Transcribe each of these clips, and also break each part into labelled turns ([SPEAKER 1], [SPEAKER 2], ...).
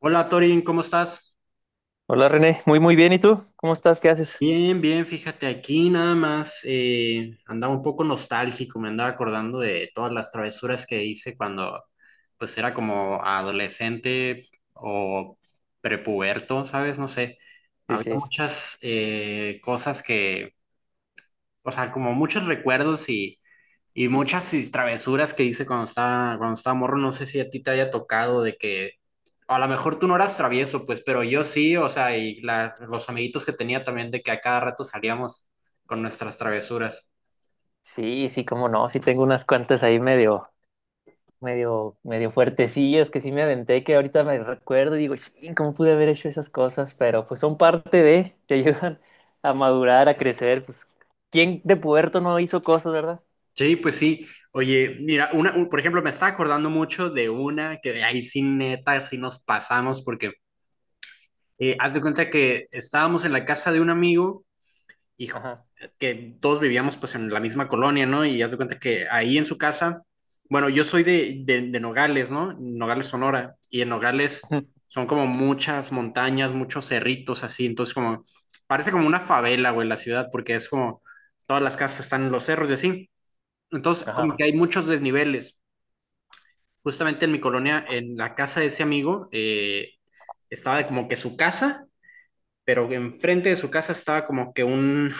[SPEAKER 1] Hola Torin, ¿cómo estás?
[SPEAKER 2] Hola René, muy bien, ¿y tú? ¿Cómo estás? ¿Qué haces?
[SPEAKER 1] Bien, bien, fíjate, aquí nada más andaba un poco nostálgico, me andaba acordando de todas las travesuras que hice cuando pues era como adolescente o prepuberto, ¿sabes? No sé,
[SPEAKER 2] Sí,
[SPEAKER 1] había
[SPEAKER 2] sí,
[SPEAKER 1] muchas cosas que, o sea, como muchos recuerdos y muchas travesuras que hice cuando cuando estaba morro, no sé si a ti te haya tocado de que, a lo mejor tú no eras travieso, pues, pero yo sí, o sea, y los amiguitos que tenía también de que a cada rato salíamos con nuestras travesuras.
[SPEAKER 2] sí, cómo no, sí tengo unas cuantas ahí medio fuertecillas que sí me aventé, que ahorita me recuerdo y digo: "Chin, ¿cómo pude haber hecho esas cosas?". Pero pues son parte de, te Ayudan a madurar, a crecer, pues. ¿Quién de puerto no hizo cosas, verdad?
[SPEAKER 1] Sí, pues sí. Oye, mira, por ejemplo, me estaba acordando mucho de una que de ahí sí neta, sí nos pasamos, porque haz de cuenta que estábamos en la casa de un amigo y
[SPEAKER 2] Ajá.
[SPEAKER 1] que todos vivíamos pues en la misma colonia, ¿no? Y haz de cuenta que ahí en su casa, bueno, yo soy de Nogales, ¿no? Nogales, Sonora, y en Nogales
[SPEAKER 2] Ujú.
[SPEAKER 1] son como muchas montañas, muchos cerritos así, entonces como, parece como una favela, güey, la ciudad, porque es como, todas las casas están en los cerros y así, entonces como que
[SPEAKER 2] Ajá.
[SPEAKER 1] hay muchos desniveles. Justamente en mi colonia, en la casa de ese amigo, estaba como que su casa, pero enfrente de su casa estaba como que un,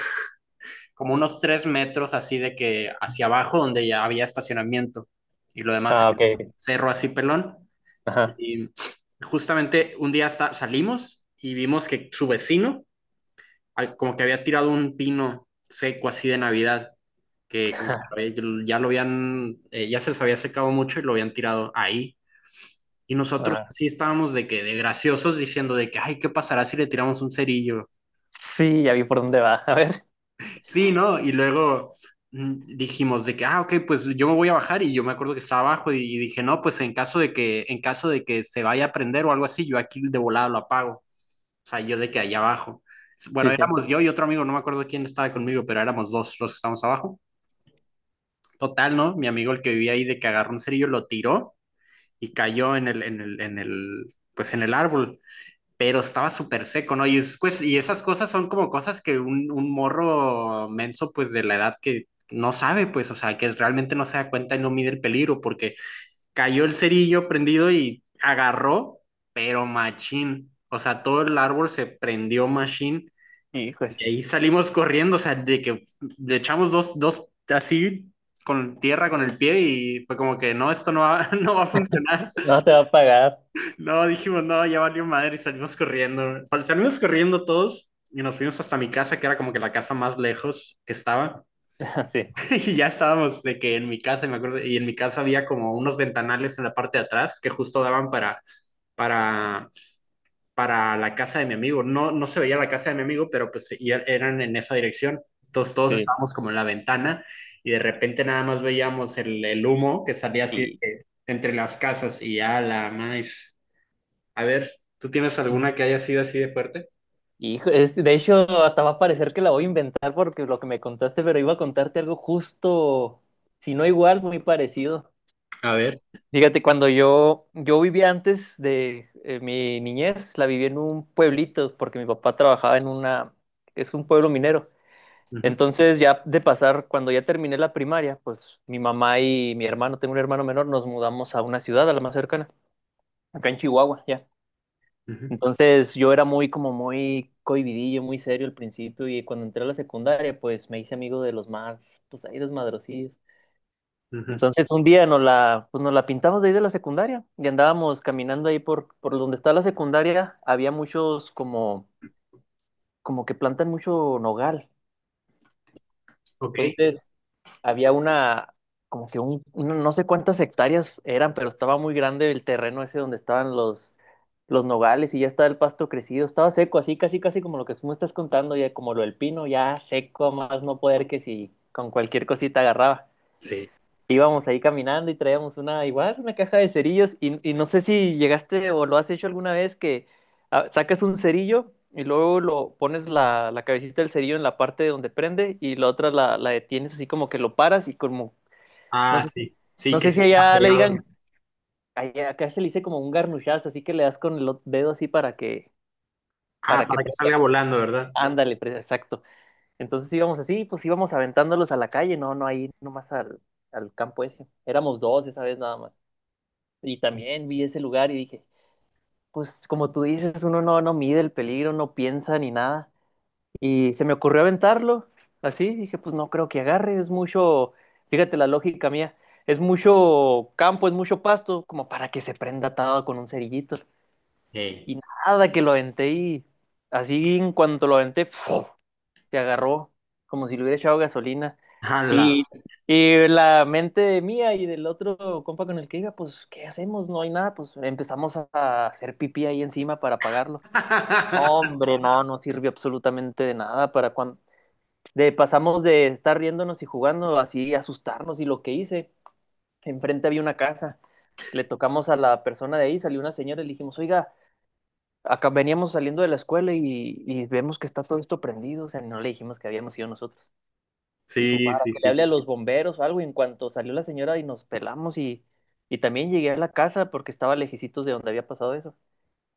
[SPEAKER 1] como unos tres metros así de que hacia abajo donde ya había estacionamiento y lo demás
[SPEAKER 2] Ah, ok, ok.
[SPEAKER 1] cerro así pelón.
[SPEAKER 2] Ajá.
[SPEAKER 1] Y justamente un día hasta salimos y vimos que su vecino ah, como que había tirado un pino seco así de Navidad que ya lo habían, ya se les había secado mucho y lo habían tirado ahí. Y nosotros
[SPEAKER 2] Ajá.
[SPEAKER 1] sí estábamos de que de graciosos diciendo de que, ay, ¿qué pasará si le tiramos un cerillo?
[SPEAKER 2] Sí, ya vi por dónde va. A ver.
[SPEAKER 1] Sí, ¿no? Y luego dijimos de que, ah, ok, pues yo me voy a bajar y yo me acuerdo que estaba abajo y dije, no, pues en caso de que se vaya a prender o algo así, yo aquí de volada lo apago. O sea, yo de que allá abajo. Bueno,
[SPEAKER 2] Sí, sí.
[SPEAKER 1] éramos yo y otro amigo, no me acuerdo quién estaba conmigo, pero éramos dos los que estábamos abajo. Total, ¿no? Mi amigo, el que vivía ahí, de que agarró un cerillo, lo tiró y cayó pues en el árbol pero estaba súper seco, ¿no? Y, es, pues, y esas cosas son como cosas que un morro menso, pues de la edad que no sabe, pues, o sea, que realmente no se da cuenta y no mide el peligro, porque cayó el cerillo prendido y agarró, pero machín, o sea, todo el árbol se prendió machín
[SPEAKER 2] ¡Hijos!
[SPEAKER 1] y ahí salimos corriendo, o sea, de que le echamos dos así con tierra con el pie y fue como que no, esto no va, no va a funcionar.
[SPEAKER 2] No te va a pagar.
[SPEAKER 1] No, dijimos, no, ya valió madre y salimos corriendo. Salimos corriendo todos y nos fuimos hasta mi casa, que era como que la casa más lejos que estaba.
[SPEAKER 2] Sí.
[SPEAKER 1] Y ya estábamos de que en mi casa, y me acuerdo, y en mi casa había como unos ventanales en la parte de atrás que justo daban para, para la casa de mi amigo. No, no se veía la casa de mi amigo, pero pues eran en esa dirección. Entonces todos estábamos como en la ventana y de repente nada más veíamos el humo que salía así de
[SPEAKER 2] Sí.
[SPEAKER 1] que entre las casas y ya la más. A ver, ¿tú tienes alguna que haya sido así de fuerte?
[SPEAKER 2] Hijo, de hecho, hasta va a parecer que la voy a inventar porque lo que me contaste, pero iba a contarte algo justo, si no igual, muy parecido.
[SPEAKER 1] A ver.
[SPEAKER 2] Fíjate, cuando yo vivía antes, de mi niñez, la viví en un pueblito porque mi papá trabajaba en una, es un pueblo minero.
[SPEAKER 1] Ujú,
[SPEAKER 2] Entonces, ya de pasar, cuando ya terminé la primaria, pues mi mamá y mi hermano, tengo un hermano menor, nos mudamos a una ciudad, a la más cercana, acá en Chihuahua, ya.
[SPEAKER 1] ujú,
[SPEAKER 2] Entonces yo era muy cohibidillo, muy serio al principio, y cuando entré a la secundaria pues me hice amigo de los más, pues ahí, desmadrosillos.
[SPEAKER 1] ujú.
[SPEAKER 2] Entonces un día pues nos la pintamos de ahí de la secundaria y andábamos caminando ahí por donde está la secundaria. Había muchos como, como que plantan mucho nogal.
[SPEAKER 1] Ok.
[SPEAKER 2] Entonces había una, como que no sé cuántas hectáreas eran, pero estaba muy grande el terreno ese donde estaban los nogales, y ya estaba el pasto crecido, estaba seco, así casi casi como lo que tú me estás contando, ya como lo del pino, ya seco, a más no poder, que si con cualquier cosita agarraba.
[SPEAKER 1] Sí.
[SPEAKER 2] Íbamos ahí caminando y traíamos una, igual, una caja de cerillos, y no sé si llegaste o lo has hecho alguna vez, que ah, sacas un cerillo y luego lo pones la cabecita del cerillo en la parte donde prende, y la otra la detienes así como que lo paras, y como, no
[SPEAKER 1] Ah,
[SPEAKER 2] sé,
[SPEAKER 1] sí. Sí,
[SPEAKER 2] no
[SPEAKER 1] que
[SPEAKER 2] sé si
[SPEAKER 1] se ha
[SPEAKER 2] allá le
[SPEAKER 1] pegado.
[SPEAKER 2] digan, acá se le dice como un garnuchazo, así que le das con el dedo así
[SPEAKER 1] Ah,
[SPEAKER 2] para que
[SPEAKER 1] para que
[SPEAKER 2] prenda.
[SPEAKER 1] salga volando, ¿verdad?
[SPEAKER 2] Ándale, exacto. Entonces íbamos así, pues íbamos aventándolos a la calle, no, no ahí nomás al campo ese. Éramos dos esa vez nada más. Y también vi ese lugar y dije, pues como tú dices, uno no, no mide el peligro, no piensa ni nada. Y se me ocurrió aventarlo, así, dije, pues no creo que agarre, es mucho, fíjate la lógica mía, es mucho campo, es mucho pasto, como para que se prenda atado con un cerillito.
[SPEAKER 1] Hey.
[SPEAKER 2] Y nada, que lo aventé, y así en cuanto lo aventé, ¡fuf! Te agarró como si le hubiera echado gasolina.
[SPEAKER 1] ¡Hala!
[SPEAKER 2] Y, y la mente mía y del otro compa con el que iba, pues, ¿qué hacemos? No hay nada, pues empezamos a hacer pipí ahí encima para pagarlo. Hombre, no, no sirvió absolutamente de nada. Para cuando pasamos de estar riéndonos y jugando así asustarnos, y lo que hice, enfrente había una casa. Le tocamos a la persona de ahí, salió una señora y le dijimos: "Oiga, acá veníamos saliendo de la escuela, y vemos que está todo esto prendido", o sea, no le dijimos que habíamos ido nosotros. Dijo,
[SPEAKER 1] Sí,
[SPEAKER 2] para
[SPEAKER 1] sí,
[SPEAKER 2] que le
[SPEAKER 1] sí,
[SPEAKER 2] hable a
[SPEAKER 1] sí.
[SPEAKER 2] los bomberos o algo. Y en cuanto salió la señora y nos pelamos, y también llegué a la casa porque estaba lejicitos de donde había pasado eso,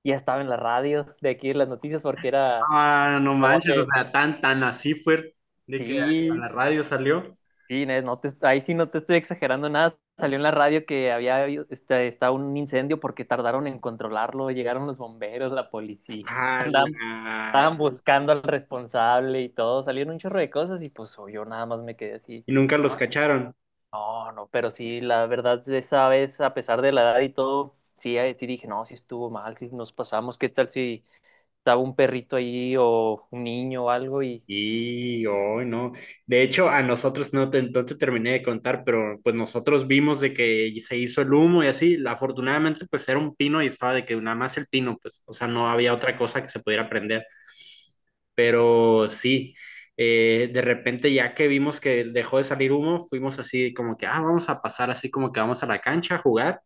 [SPEAKER 2] ya estaba en la radio de aquí en las noticias porque era
[SPEAKER 1] Ah, no
[SPEAKER 2] como
[SPEAKER 1] manches, o
[SPEAKER 2] que,
[SPEAKER 1] sea, tan así fue de que a la
[SPEAKER 2] sí,
[SPEAKER 1] radio salió.
[SPEAKER 2] sí, Inés, no te, ahí sí no te estoy exagerando nada. Salió en la radio que había este, estaba un incendio porque tardaron en controlarlo. Llegaron los bomberos, la policía. Andaban,
[SPEAKER 1] ¡Hala!
[SPEAKER 2] estaban buscando al responsable y todo. Salieron un chorro de cosas y pues yo nada más me quedé así.
[SPEAKER 1] Y nunca los cacharon.
[SPEAKER 2] No, no, pero sí, la verdad, de esa vez, a pesar de la edad y todo, sí, sí dije, no, sí estuvo mal, sí nos pasamos, ¿qué tal si estaba un perrito ahí o un niño o algo? Y
[SPEAKER 1] Y hoy no. De hecho, a nosotros no te terminé de contar, pero pues nosotros vimos de que se hizo el humo y así. Afortunadamente, pues era un pino y estaba de que nada más el pino, pues, o sea, no había otra cosa que se pudiera prender. Pero sí, de repente ya que vimos que dejó de salir humo, fuimos así como que, ah, vamos a pasar así como que vamos a la cancha a jugar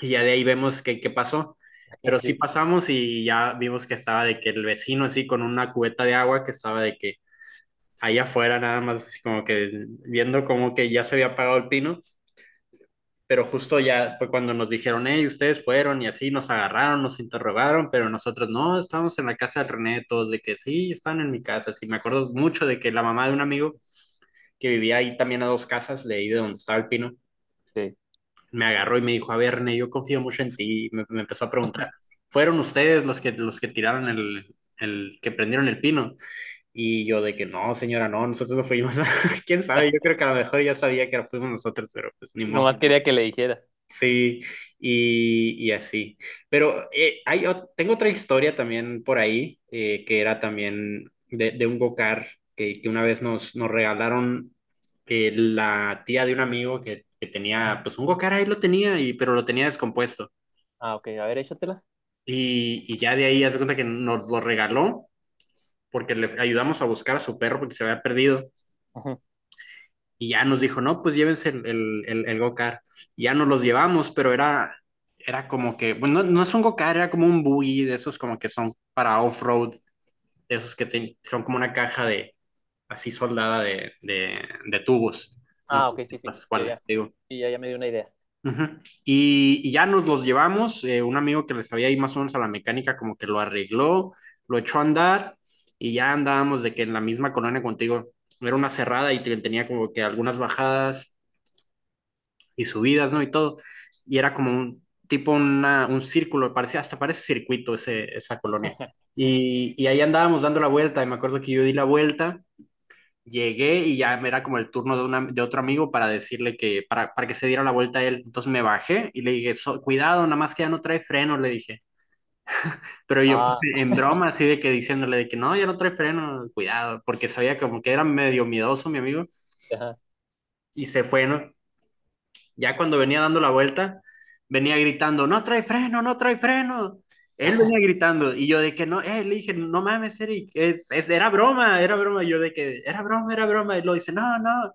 [SPEAKER 1] y ya de ahí vemos qué pasó. Pero sí
[SPEAKER 2] sí,
[SPEAKER 1] pasamos y ya vimos que estaba de que el vecino así con una cubeta de agua que estaba de que ahí afuera nada más, así como que viendo como que ya se había apagado el pino, pero justo ya fue cuando nos dijeron, hey, ustedes fueron y así nos agarraron, nos interrogaron, pero nosotros no, estábamos en la casa del René, todos de que sí, están en mi casa, sí, me acuerdo mucho de que la mamá de un amigo que vivía ahí también a dos casas de ahí de donde estaba el pino,
[SPEAKER 2] sí.
[SPEAKER 1] me agarró y me dijo, a ver, René, yo confío mucho en ti, me empezó a preguntar, ¿fueron ustedes los que tiraron que prendieron el pino? Y yo de que no, señora, no, nosotros no fuimos. ¿Quién sabe? Yo creo que a lo mejor ya sabía que fuimos nosotros, pero pues ni modo.
[SPEAKER 2] Nomás no quería que le dijera.
[SPEAKER 1] Sí, y así. Pero tengo otra historia también por ahí, que era también de un go-kart que una vez nos regalaron la tía de un amigo que tenía, pues un go-kart ahí lo tenía, y, pero lo tenía descompuesto.
[SPEAKER 2] Ah, ok, a ver, échatela.
[SPEAKER 1] Y ya de ahí, haz de cuenta que nos lo regaló porque le ayudamos a buscar a su perro porque se había perdido.
[SPEAKER 2] Ujú.
[SPEAKER 1] Y ya nos dijo, no, pues llévense el go-kart. Ya nos los llevamos, pero era como que, bueno, no, no es un go-kart, era como un buggy de esos como que son para off-road, de esos que son como una caja de, así soldada de tubos. No sé
[SPEAKER 2] Ah, ok, sí, sí,
[SPEAKER 1] las
[SPEAKER 2] ya, ya.
[SPEAKER 1] cuáles, digo.
[SPEAKER 2] Sí, ya, ya me dio una idea.
[SPEAKER 1] Ujú. Y ya nos los llevamos, un amigo que les había ido más o menos a la mecánica como que lo arregló, lo echó a andar y ya andábamos de que en la misma colonia contigo era una cerrada y tenía como que algunas bajadas y subidas, ¿no? Y todo. Y era como un tipo, un círculo, parecía, hasta parece circuito ese, esa colonia. Y ahí andábamos dando la vuelta y me acuerdo que yo di la vuelta, llegué y ya era como el turno de, de otro amigo para decirle que, para que se diera la vuelta a él. Entonces me bajé y le dije, cuidado, nada más que ya no trae freno", le dije. Pero yo pues,
[SPEAKER 2] Ah,
[SPEAKER 1] en broma así de que diciéndole de que no, ya no trae freno, cuidado, porque sabía como que era medio miedoso mi amigo
[SPEAKER 2] ajá.
[SPEAKER 1] y se fue, ¿no? Ya cuando venía dando la vuelta, venía gritando, no trae freno, no trae freno. Él venía gritando y yo de que no, le dije, no mames, Eric, era broma, era broma. Yo de que era broma, era broma. Y lo dice, no, no.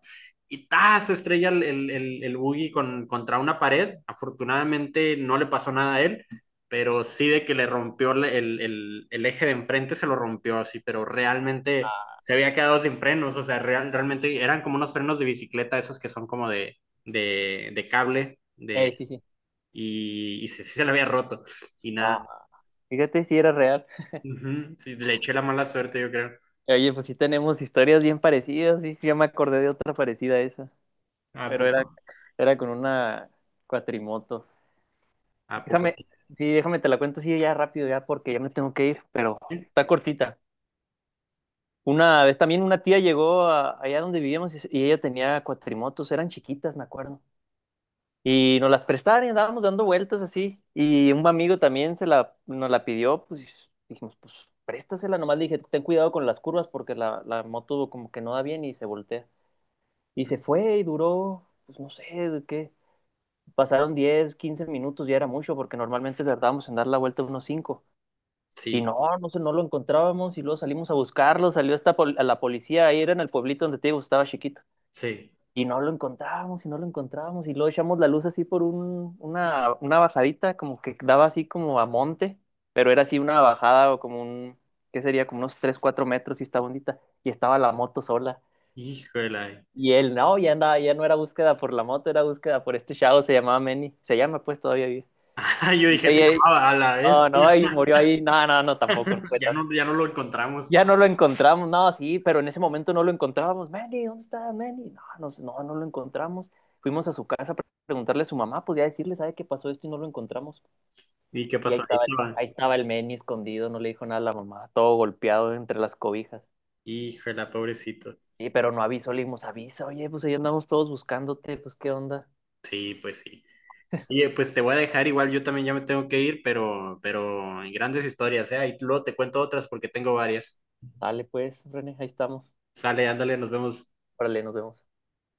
[SPEAKER 1] Y ta, se estrella el buggy contra una pared. Afortunadamente no le pasó nada a él, pero sí de que le rompió eje de enfrente, se lo rompió así, pero realmente se había quedado sin frenos, o sea, realmente eran como unos frenos de bicicleta, esos que son como de cable
[SPEAKER 2] Sí, sí.
[SPEAKER 1] y se, sí se le había roto y
[SPEAKER 2] Ah,
[SPEAKER 1] nada.
[SPEAKER 2] fíjate si era real.
[SPEAKER 1] Ujú. Sí, le eché la mala suerte, yo creo.
[SPEAKER 2] Oye, pues sí tenemos historias bien parecidas, sí, ya me acordé de otra parecida a esa,
[SPEAKER 1] ¿A
[SPEAKER 2] pero
[SPEAKER 1] poco?
[SPEAKER 2] era, era con una cuatrimoto.
[SPEAKER 1] ¿A poco?
[SPEAKER 2] Déjame, sí, déjame te la cuento así ya rápido, ya porque ya me tengo que ir, pero está cortita. Una vez también una tía llegó allá donde vivíamos, y ella tenía cuatrimotos, eran chiquitas, me acuerdo. Y nos las prestaron y andábamos dando vueltas así. Y un amigo también nos la pidió, pues dijimos, pues préstasela nomás. Le dije, ten cuidado con las curvas porque la moto como que no da bien y se voltea. Y se fue y duró, pues no sé, de qué. Pasaron 10, 15 minutos, ya era mucho porque normalmente tardábamos en dar la vuelta unos 5. Y
[SPEAKER 1] Sí,
[SPEAKER 2] no, no sé, no lo encontrábamos, y luego salimos a buscarlo, salió hasta a la policía, ahí era en el pueblito donde te digo, estaba chiquito.
[SPEAKER 1] sí.
[SPEAKER 2] Y no lo encontrábamos y no lo encontrábamos, y luego echamos la luz así por una bajadita, como que daba así como a monte, pero era así una bajada, o como un, ¿qué sería? Como unos 3, 4 metros, y estaba bonita. Y estaba la moto sola.
[SPEAKER 1] Híjole.
[SPEAKER 2] Y él, no, ya andaba, ya no era búsqueda por la moto, era búsqueda por este chavo, se llamaba Manny, se llama, pues todavía vive.
[SPEAKER 1] Yo
[SPEAKER 2] Y,
[SPEAKER 1] dije, se
[SPEAKER 2] y-
[SPEAKER 1] llamaba a la vez.
[SPEAKER 2] no, no, y murió ahí, no, no, no, tampoco, no fue
[SPEAKER 1] Ya
[SPEAKER 2] tanto.
[SPEAKER 1] no, ya no lo encontramos.
[SPEAKER 2] Ya no lo encontramos, no, sí, pero en ese momento no lo encontrábamos. Manny, ¿dónde está Manny? No, no, no, no lo encontramos. Fuimos a su casa para preguntarle a su mamá, pues ya decirle, ¿sabe qué? Pasó esto y no lo encontramos.
[SPEAKER 1] ¿Y qué
[SPEAKER 2] Y
[SPEAKER 1] pasó? Ahí se va.
[SPEAKER 2] ahí estaba el Manny escondido, no le dijo nada a la mamá, todo golpeado entre las cobijas.
[SPEAKER 1] Híjole, pobrecito.
[SPEAKER 2] Sí, pero no avisó, le dimos, avisa, oye, pues ahí andamos todos buscándote, pues qué onda.
[SPEAKER 1] Sí, pues sí. Oye, pues te voy a dejar igual, yo también ya me tengo que ir, pero grandes historias, ¿eh? Ahí luego te cuento otras porque tengo varias.
[SPEAKER 2] Dale, pues, René, ahí estamos.
[SPEAKER 1] Sale, ándale, nos vemos.
[SPEAKER 2] Órale, nos vemos.